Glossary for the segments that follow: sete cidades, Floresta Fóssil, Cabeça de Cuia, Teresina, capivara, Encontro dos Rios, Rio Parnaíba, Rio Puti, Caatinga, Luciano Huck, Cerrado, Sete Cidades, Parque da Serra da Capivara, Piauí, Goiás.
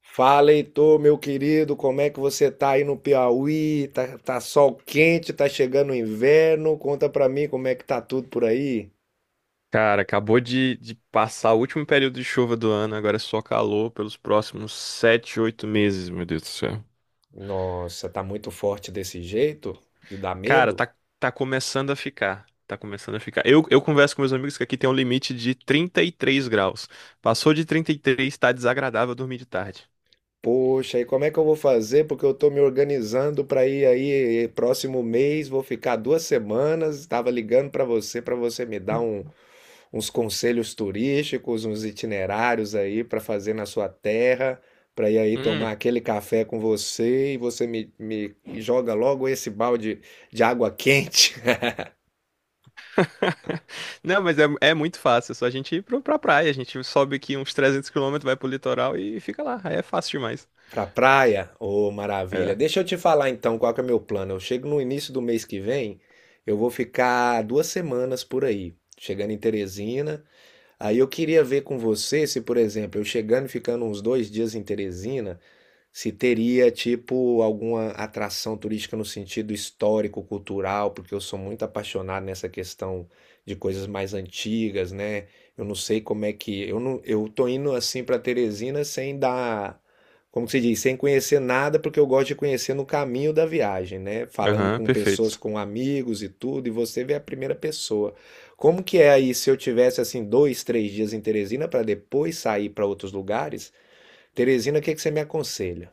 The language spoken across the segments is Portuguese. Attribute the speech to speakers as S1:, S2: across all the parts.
S1: Fala, Heitor, meu querido, como é que você tá aí no Piauí? Tá sol quente, tá chegando o inverno. Conta pra mim como é que tá tudo por aí.
S2: Cara, acabou de passar o último período de chuva do ano, agora é só calor pelos próximos 7, 8 meses, meu Deus do céu.
S1: Nossa, tá muito forte desse jeito? De dar
S2: Cara,
S1: medo?
S2: tá começando a ficar. Tá começando a ficar. Eu converso com meus amigos que aqui tem um limite de 33 graus. Passou de 33, tá desagradável dormir de tarde.
S1: Poxa, e como é que eu vou fazer? Porque eu tô me organizando pra ir aí próximo mês, vou ficar 2 semanas. Tava ligando pra você me dar uns conselhos turísticos, uns itinerários aí para fazer na sua terra, para ir aí
S2: Hum.
S1: tomar aquele café com você e você me joga logo esse balde de água quente
S2: Não, mas é muito fácil, é só a gente ir pra praia. A gente sobe aqui uns 300 quilômetros, vai pro litoral e fica lá. Aí é fácil demais.
S1: para praia. Ô, maravilha!
S2: É.
S1: Deixa eu te falar então qual que é meu plano. Eu chego no início do mês que vem, eu vou ficar duas semanas por aí, chegando em Teresina. Aí eu queria ver com você se, por exemplo, eu chegando e ficando uns 2 dias em Teresina, se teria, tipo, alguma atração turística no sentido histórico, cultural, porque eu sou muito apaixonado nessa questão de coisas mais antigas, né? Eu não sei como é que. Eu não, eu tô indo assim para Teresina sem dar, como que se diz, sem conhecer nada, porque eu gosto de conhecer no caminho da viagem, né? Falando
S2: Aham,
S1: com pessoas,
S2: perfeito.
S1: com amigos e tudo, e você vê a primeira pessoa. Como que é aí se eu tivesse assim dois, três dias em Teresina para depois sair para outros lugares? Teresina, o que que você me aconselha?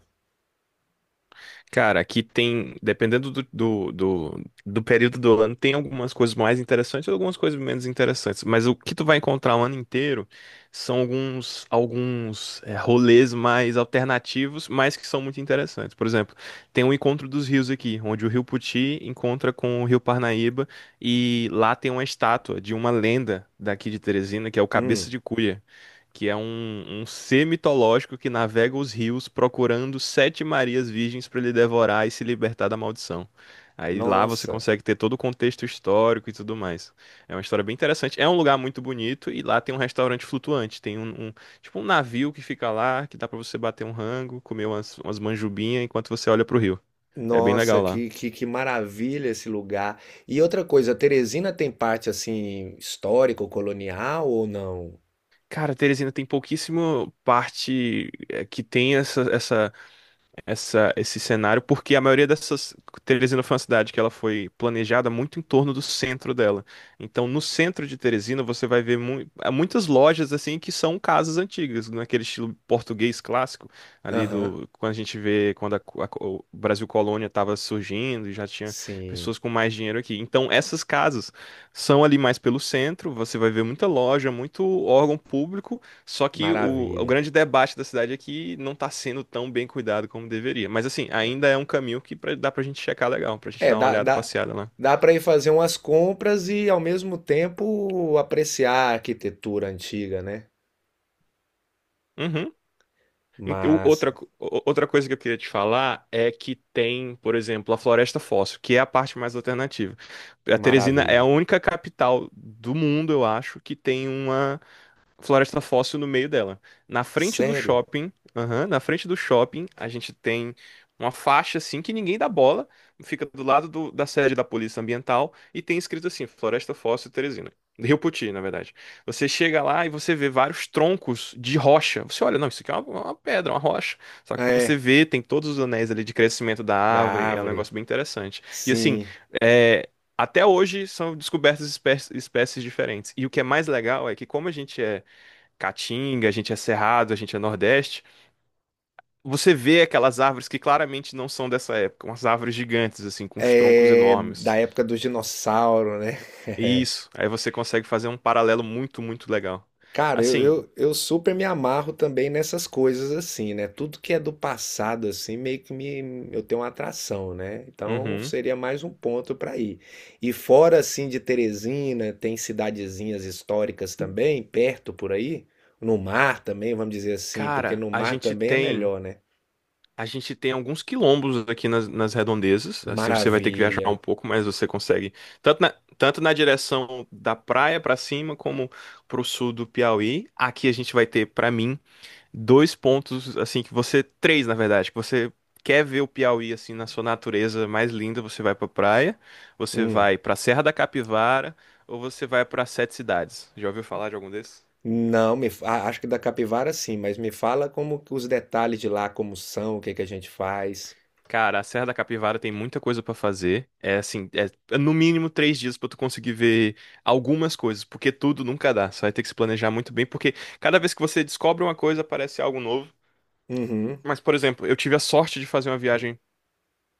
S2: Cara, aqui tem, dependendo do período do ano, tem algumas coisas mais interessantes e algumas coisas menos interessantes. Mas o que tu vai encontrar o ano inteiro são alguns rolês mais alternativos, mas que são muito interessantes. Por exemplo, tem o Encontro dos Rios aqui, onde o Rio Puti encontra com o Rio Parnaíba e lá tem uma estátua de uma lenda daqui de Teresina, que é o Cabeça
S1: Hum,
S2: de Cuia, que é um ser mitológico que navega os rios procurando sete Marias virgens para ele devorar e se libertar da maldição. Aí lá você
S1: Nossa,
S2: consegue ter todo o contexto histórico e tudo mais. É uma história bem interessante. É um lugar muito bonito e lá tem um restaurante flutuante. Tem tipo um navio que fica lá, que dá para você bater um rango, comer umas manjubinhas enquanto você olha pro rio. É bem
S1: nossa,
S2: legal lá.
S1: que maravilha esse lugar. E outra coisa, Teresina tem parte assim histórico-colonial ou não?
S2: Cara, Teresina tem pouquíssimo parte, que tem esse cenário, porque a maioria dessas. Teresina foi uma cidade que ela foi planejada muito em torno do centro dela. Então, no centro de Teresina, você vai ver há muitas lojas assim que são casas antigas, naquele estilo português clássico, ali
S1: Aham,
S2: do. Quando a gente vê, quando o Brasil Colônia estava surgindo e já tinha
S1: sim,
S2: pessoas com mais dinheiro aqui. Então, essas casas são ali mais pelo centro, você vai ver muita loja, muito órgão público. Só que o
S1: maravilha.
S2: grande debate da cidade é que não tá sendo tão bem cuidado como deveria. Mas assim, ainda é um caminho que, dá pra gente checar legal, pra gente
S1: É,
S2: dar uma
S1: dá,
S2: olhada
S1: dá,
S2: passeada lá.
S1: dá para ir fazer umas compras e ao mesmo tempo apreciar a arquitetura antiga, né?
S2: Uhum. Ent- o- Outra,
S1: Massa,
S2: co- o- outra coisa que eu queria te falar é que tem, por exemplo, a Floresta Fóssil, que é a parte mais alternativa. A Teresina é a
S1: maravilha.
S2: única capital do mundo, eu acho, que tem uma Floresta Fóssil no meio dela. Na frente do
S1: Sério?
S2: shopping, aham, na frente do shopping, a gente tem uma faixa assim que ninguém dá bola, fica do lado da sede da Polícia Ambiental e tem escrito assim, Floresta Fóssil Teresina. Rio Poti, na verdade. Você chega lá e você vê vários troncos de rocha. Você olha, não, isso aqui é uma pedra, uma rocha. Só que você
S1: É,
S2: vê, tem todos os anéis ali de crescimento da
S1: da
S2: árvore, é um
S1: árvore,
S2: negócio bem interessante. E assim,
S1: sim.
S2: é, até hoje são descobertas espécies diferentes. E o que é mais legal é que, como a gente é Caatinga, a gente é Cerrado, a gente é Nordeste. Você vê aquelas árvores que claramente não são dessa época, umas árvores gigantes, assim, com os troncos
S1: É da
S2: enormes.
S1: época dos dinossauros, né?
S2: Isso, aí você consegue fazer um paralelo muito, muito legal.
S1: Cara, eu,
S2: Assim,
S1: eu, eu super me amarro também nessas coisas assim, né? Tudo que é do passado, assim, meio que eu tenho uma atração, né? Então
S2: uhum.
S1: seria mais um ponto para ir. E fora, assim, de Teresina, tem cidadezinhas históricas também, perto por aí. No mar também, vamos dizer assim, porque
S2: Cara,
S1: no
S2: a
S1: mar
S2: gente
S1: também é
S2: tem.
S1: melhor, né?
S2: A gente tem alguns quilombos aqui nas redondezas. Assim, você vai ter que viajar
S1: Maravilha.
S2: um pouco, mas você consegue. Tanto na, tanto na direção da praia pra cima, como pro sul do Piauí. Aqui a gente vai ter, pra mim, dois pontos, assim, que você. Três, na verdade, que você quer ver o Piauí, assim, na sua natureza mais linda, você vai pra praia, você
S1: Hum.
S2: vai pra Serra da Capivara, ou você vai pra Sete Cidades. Já ouviu falar de algum desses?
S1: Não, ah, acho que da capivara sim, mas me fala como que os detalhes de lá, como são, o que que a gente faz.
S2: Cara, a Serra da Capivara tem muita coisa pra fazer. É assim, é no mínimo 3 dias pra tu conseguir ver algumas coisas, porque tudo nunca dá. Você vai ter que se planejar muito bem, porque cada vez que você descobre uma coisa, aparece algo novo.
S1: Uhum.
S2: Mas, por exemplo, eu tive a sorte de fazer uma viagem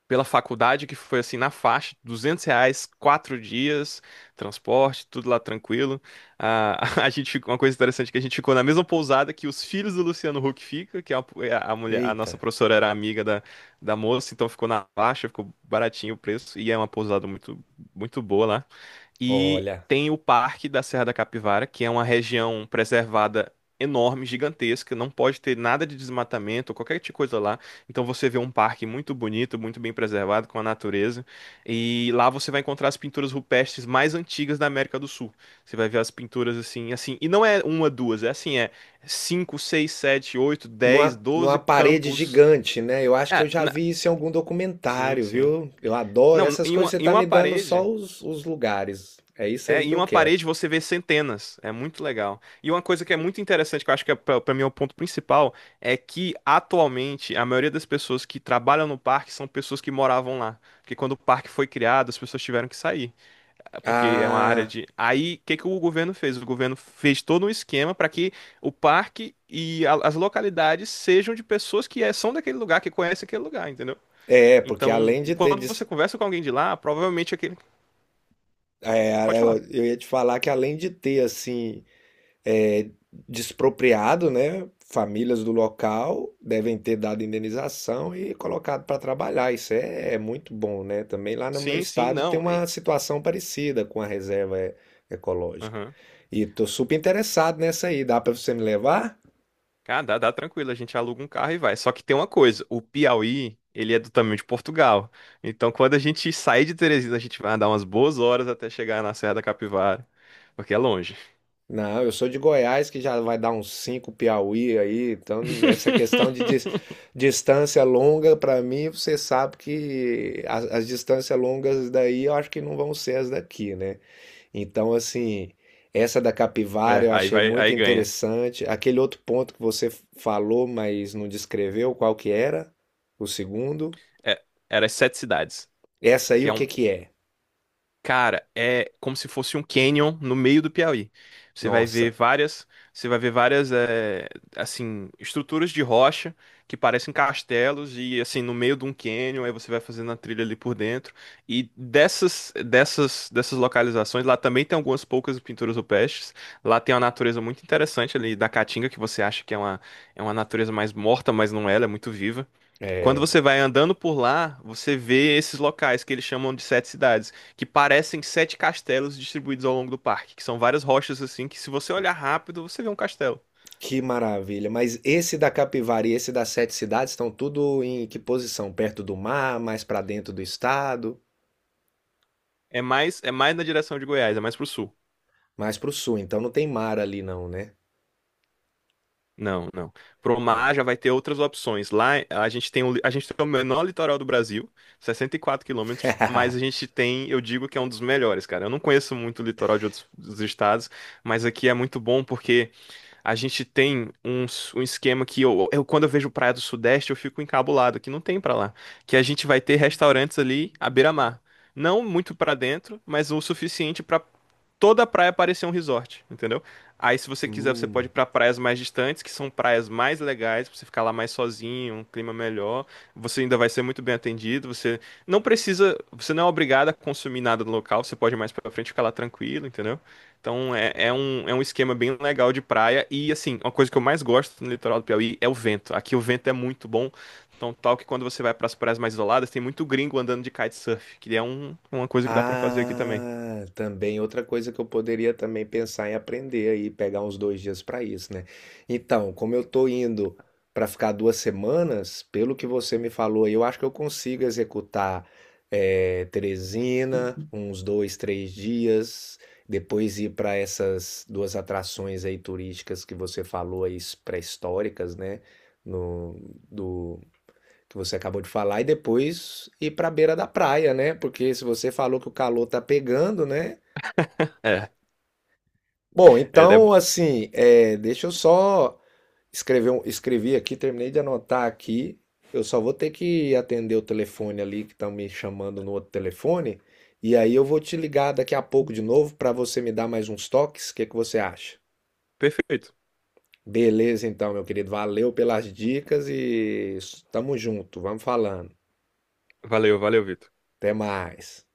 S2: pela faculdade, que foi assim na faixa, 200 reais, 4 dias, transporte, tudo lá tranquilo. Ah, a gente, uma coisa interessante é que a gente ficou na mesma pousada que os filhos do Luciano Huck fica, que a mulher, a nossa
S1: Eita.
S2: professora era amiga da moça, então ficou na faixa, ficou baratinho o preço e é uma pousada muito, muito boa lá. E
S1: Olha.
S2: tem o Parque da Serra da Capivara, que é uma região preservada enorme, gigantesca, não pode ter nada de desmatamento ou qualquer tipo de coisa lá. Então você vê um parque muito bonito, muito bem preservado, com a natureza. E lá você vai encontrar as pinturas rupestres mais antigas da América do Sul. Você vai ver as pinturas assim, assim. E não é uma, duas, é assim, é cinco, seis, sete, oito, 10,
S1: Numa, numa
S2: doze
S1: parede
S2: campos.
S1: gigante, né? Eu acho que
S2: É,
S1: eu já vi isso em algum
S2: sim,
S1: documentário,
S2: sim.
S1: viu? Eu adoro
S2: Não,
S1: essas
S2: em
S1: coisas,
S2: uma,
S1: você
S2: em
S1: tá
S2: uma
S1: me dando só
S2: parede.
S1: os lugares. É isso
S2: É,
S1: aí que
S2: em
S1: eu
S2: uma
S1: quero.
S2: parede você vê centenas. É muito legal. E uma coisa que é muito interessante, que eu acho que é, pra mim é o ponto principal, é que atualmente a maioria das pessoas que trabalham no parque são pessoas que moravam lá. Porque quando o parque foi criado, as pessoas tiveram que sair, eh, porque é uma área
S1: Ah,
S2: de. Aí, o que que o governo fez? O governo fez todo um esquema para que o parque e as localidades sejam de pessoas que, eh, são daquele lugar, que conhecem aquele lugar, entendeu?
S1: é, porque
S2: Então,
S1: além de ter.
S2: quando você conversa com alguém de lá, provavelmente é aquele. Pode
S1: É, eu
S2: falar.
S1: eu ia te falar que além de ter, assim. É, despropriado, né? Famílias do local devem ter dado indenização e colocado para trabalhar. Isso é, é muito bom, né? Também lá no meu
S2: Sim, sim,
S1: estado tem
S2: não.
S1: uma situação parecida com a reserva ecológica.
S2: Aham.
S1: E tô super interessado nessa aí. Dá para você me levar?
S2: Cara, dá tranquilo, a gente aluga um carro e vai. Só que tem uma coisa, o Piauí, ele é do tamanho de Portugal. Então, quando a gente sair de Teresina, a gente vai andar umas boas horas até chegar na Serra da Capivara, porque é longe.
S1: Não, eu sou de Goiás, que já vai dar uns 5 Piauí aí. Então, essa questão de distância longa, para mim, você sabe que as distâncias longas daí eu acho que não vão ser as daqui, né? Então, assim, essa da capivara
S2: É,
S1: eu
S2: aí
S1: achei
S2: vai,
S1: muito
S2: aí ganha.
S1: interessante. Aquele outro ponto que você falou, mas não descreveu qual que era, o segundo.
S2: É, era as sete cidades,
S1: Essa aí
S2: que é
S1: o
S2: um,
S1: que que é?
S2: cara, é como se fosse um canyon no meio do Piauí. Você vai ver
S1: Nossa,
S2: várias, você vai ver várias, eh, assim, estruturas de rocha que parecem castelos e assim no meio de um canyon, aí você vai fazendo a trilha ali por dentro. E dessas localizações, lá também tem algumas poucas pinturas rupestres. Lá tem uma natureza muito interessante ali da Caatinga que você acha que é uma, natureza mais morta, mas não é, ela é muito viva. E quando você vai andando por lá, você vê esses locais que eles chamam de sete cidades, que parecem sete castelos distribuídos ao longo do parque, que são várias rochas assim, que se você olhar rápido, você vê um castelo.
S1: que maravilha. Mas esse da capivara e esse das sete cidades estão tudo em que posição? Perto do mar, mais para dentro do estado,
S2: É mais na direção de Goiás, é mais pro sul.
S1: mais para o sul. Então não tem mar ali não, né?
S2: Não, não. Pro mar já vai ter outras opções. Lá a gente tem o menor litoral do Brasil, 64 quilômetros, mas a gente tem, eu digo que é um dos melhores, cara. Eu não conheço muito o litoral de outros dos estados, mas aqui é muito bom porque a gente tem um esquema que, quando eu vejo praia do Sudeste, eu fico encabulado, que não tem pra lá. Que a gente vai ter restaurantes ali à beira-mar. Não muito pra dentro, mas o suficiente pra toda a praia parecia um resort, entendeu? Aí, se você quiser, você pode ir
S1: Hum.
S2: pra praias mais distantes, que são praias mais legais, pra você ficar lá mais sozinho, um clima melhor. Você ainda vai ser muito bem atendido. Você não precisa, você não é obrigado a consumir nada no local, você pode ir mais pra frente e ficar lá tranquilo, entendeu? Então, é um esquema bem legal de praia. E, assim, uma coisa que eu mais gosto no litoral do Piauí é o vento. Aqui o vento é muito bom. Então, tal que quando você vai pras praias mais isoladas, tem muito gringo andando de kitesurf, que é uma coisa que dá pra fazer aqui também.
S1: Ah, também outra coisa que eu poderia também pensar em aprender aí, pegar uns 2 dias para isso, né? Então, como eu tô indo para ficar 2 semanas, pelo que você me falou, aí, eu acho que eu consigo executar Teresina, uns dois, três dias, depois ir para essas duas atrações aí turísticas que você falou aí, pré-históricas, né? No, que você acabou de falar, e depois ir para a beira da praia, né? Porque se você falou que o calor tá pegando, né?
S2: É,
S1: Bom,
S2: é, é
S1: então, assim, é, deixa eu só escrevi aqui, terminei de anotar aqui. Eu só vou ter que atender o telefone ali que estão me chamando no outro telefone, e aí eu vou te ligar daqui a pouco de novo para você me dar mais uns toques. O que que você acha?
S2: Perfeito.
S1: Beleza, então, meu querido. Valeu pelas dicas e tamo junto. Vamos falando.
S2: Valeu, valeu, Vitor.
S1: Até mais.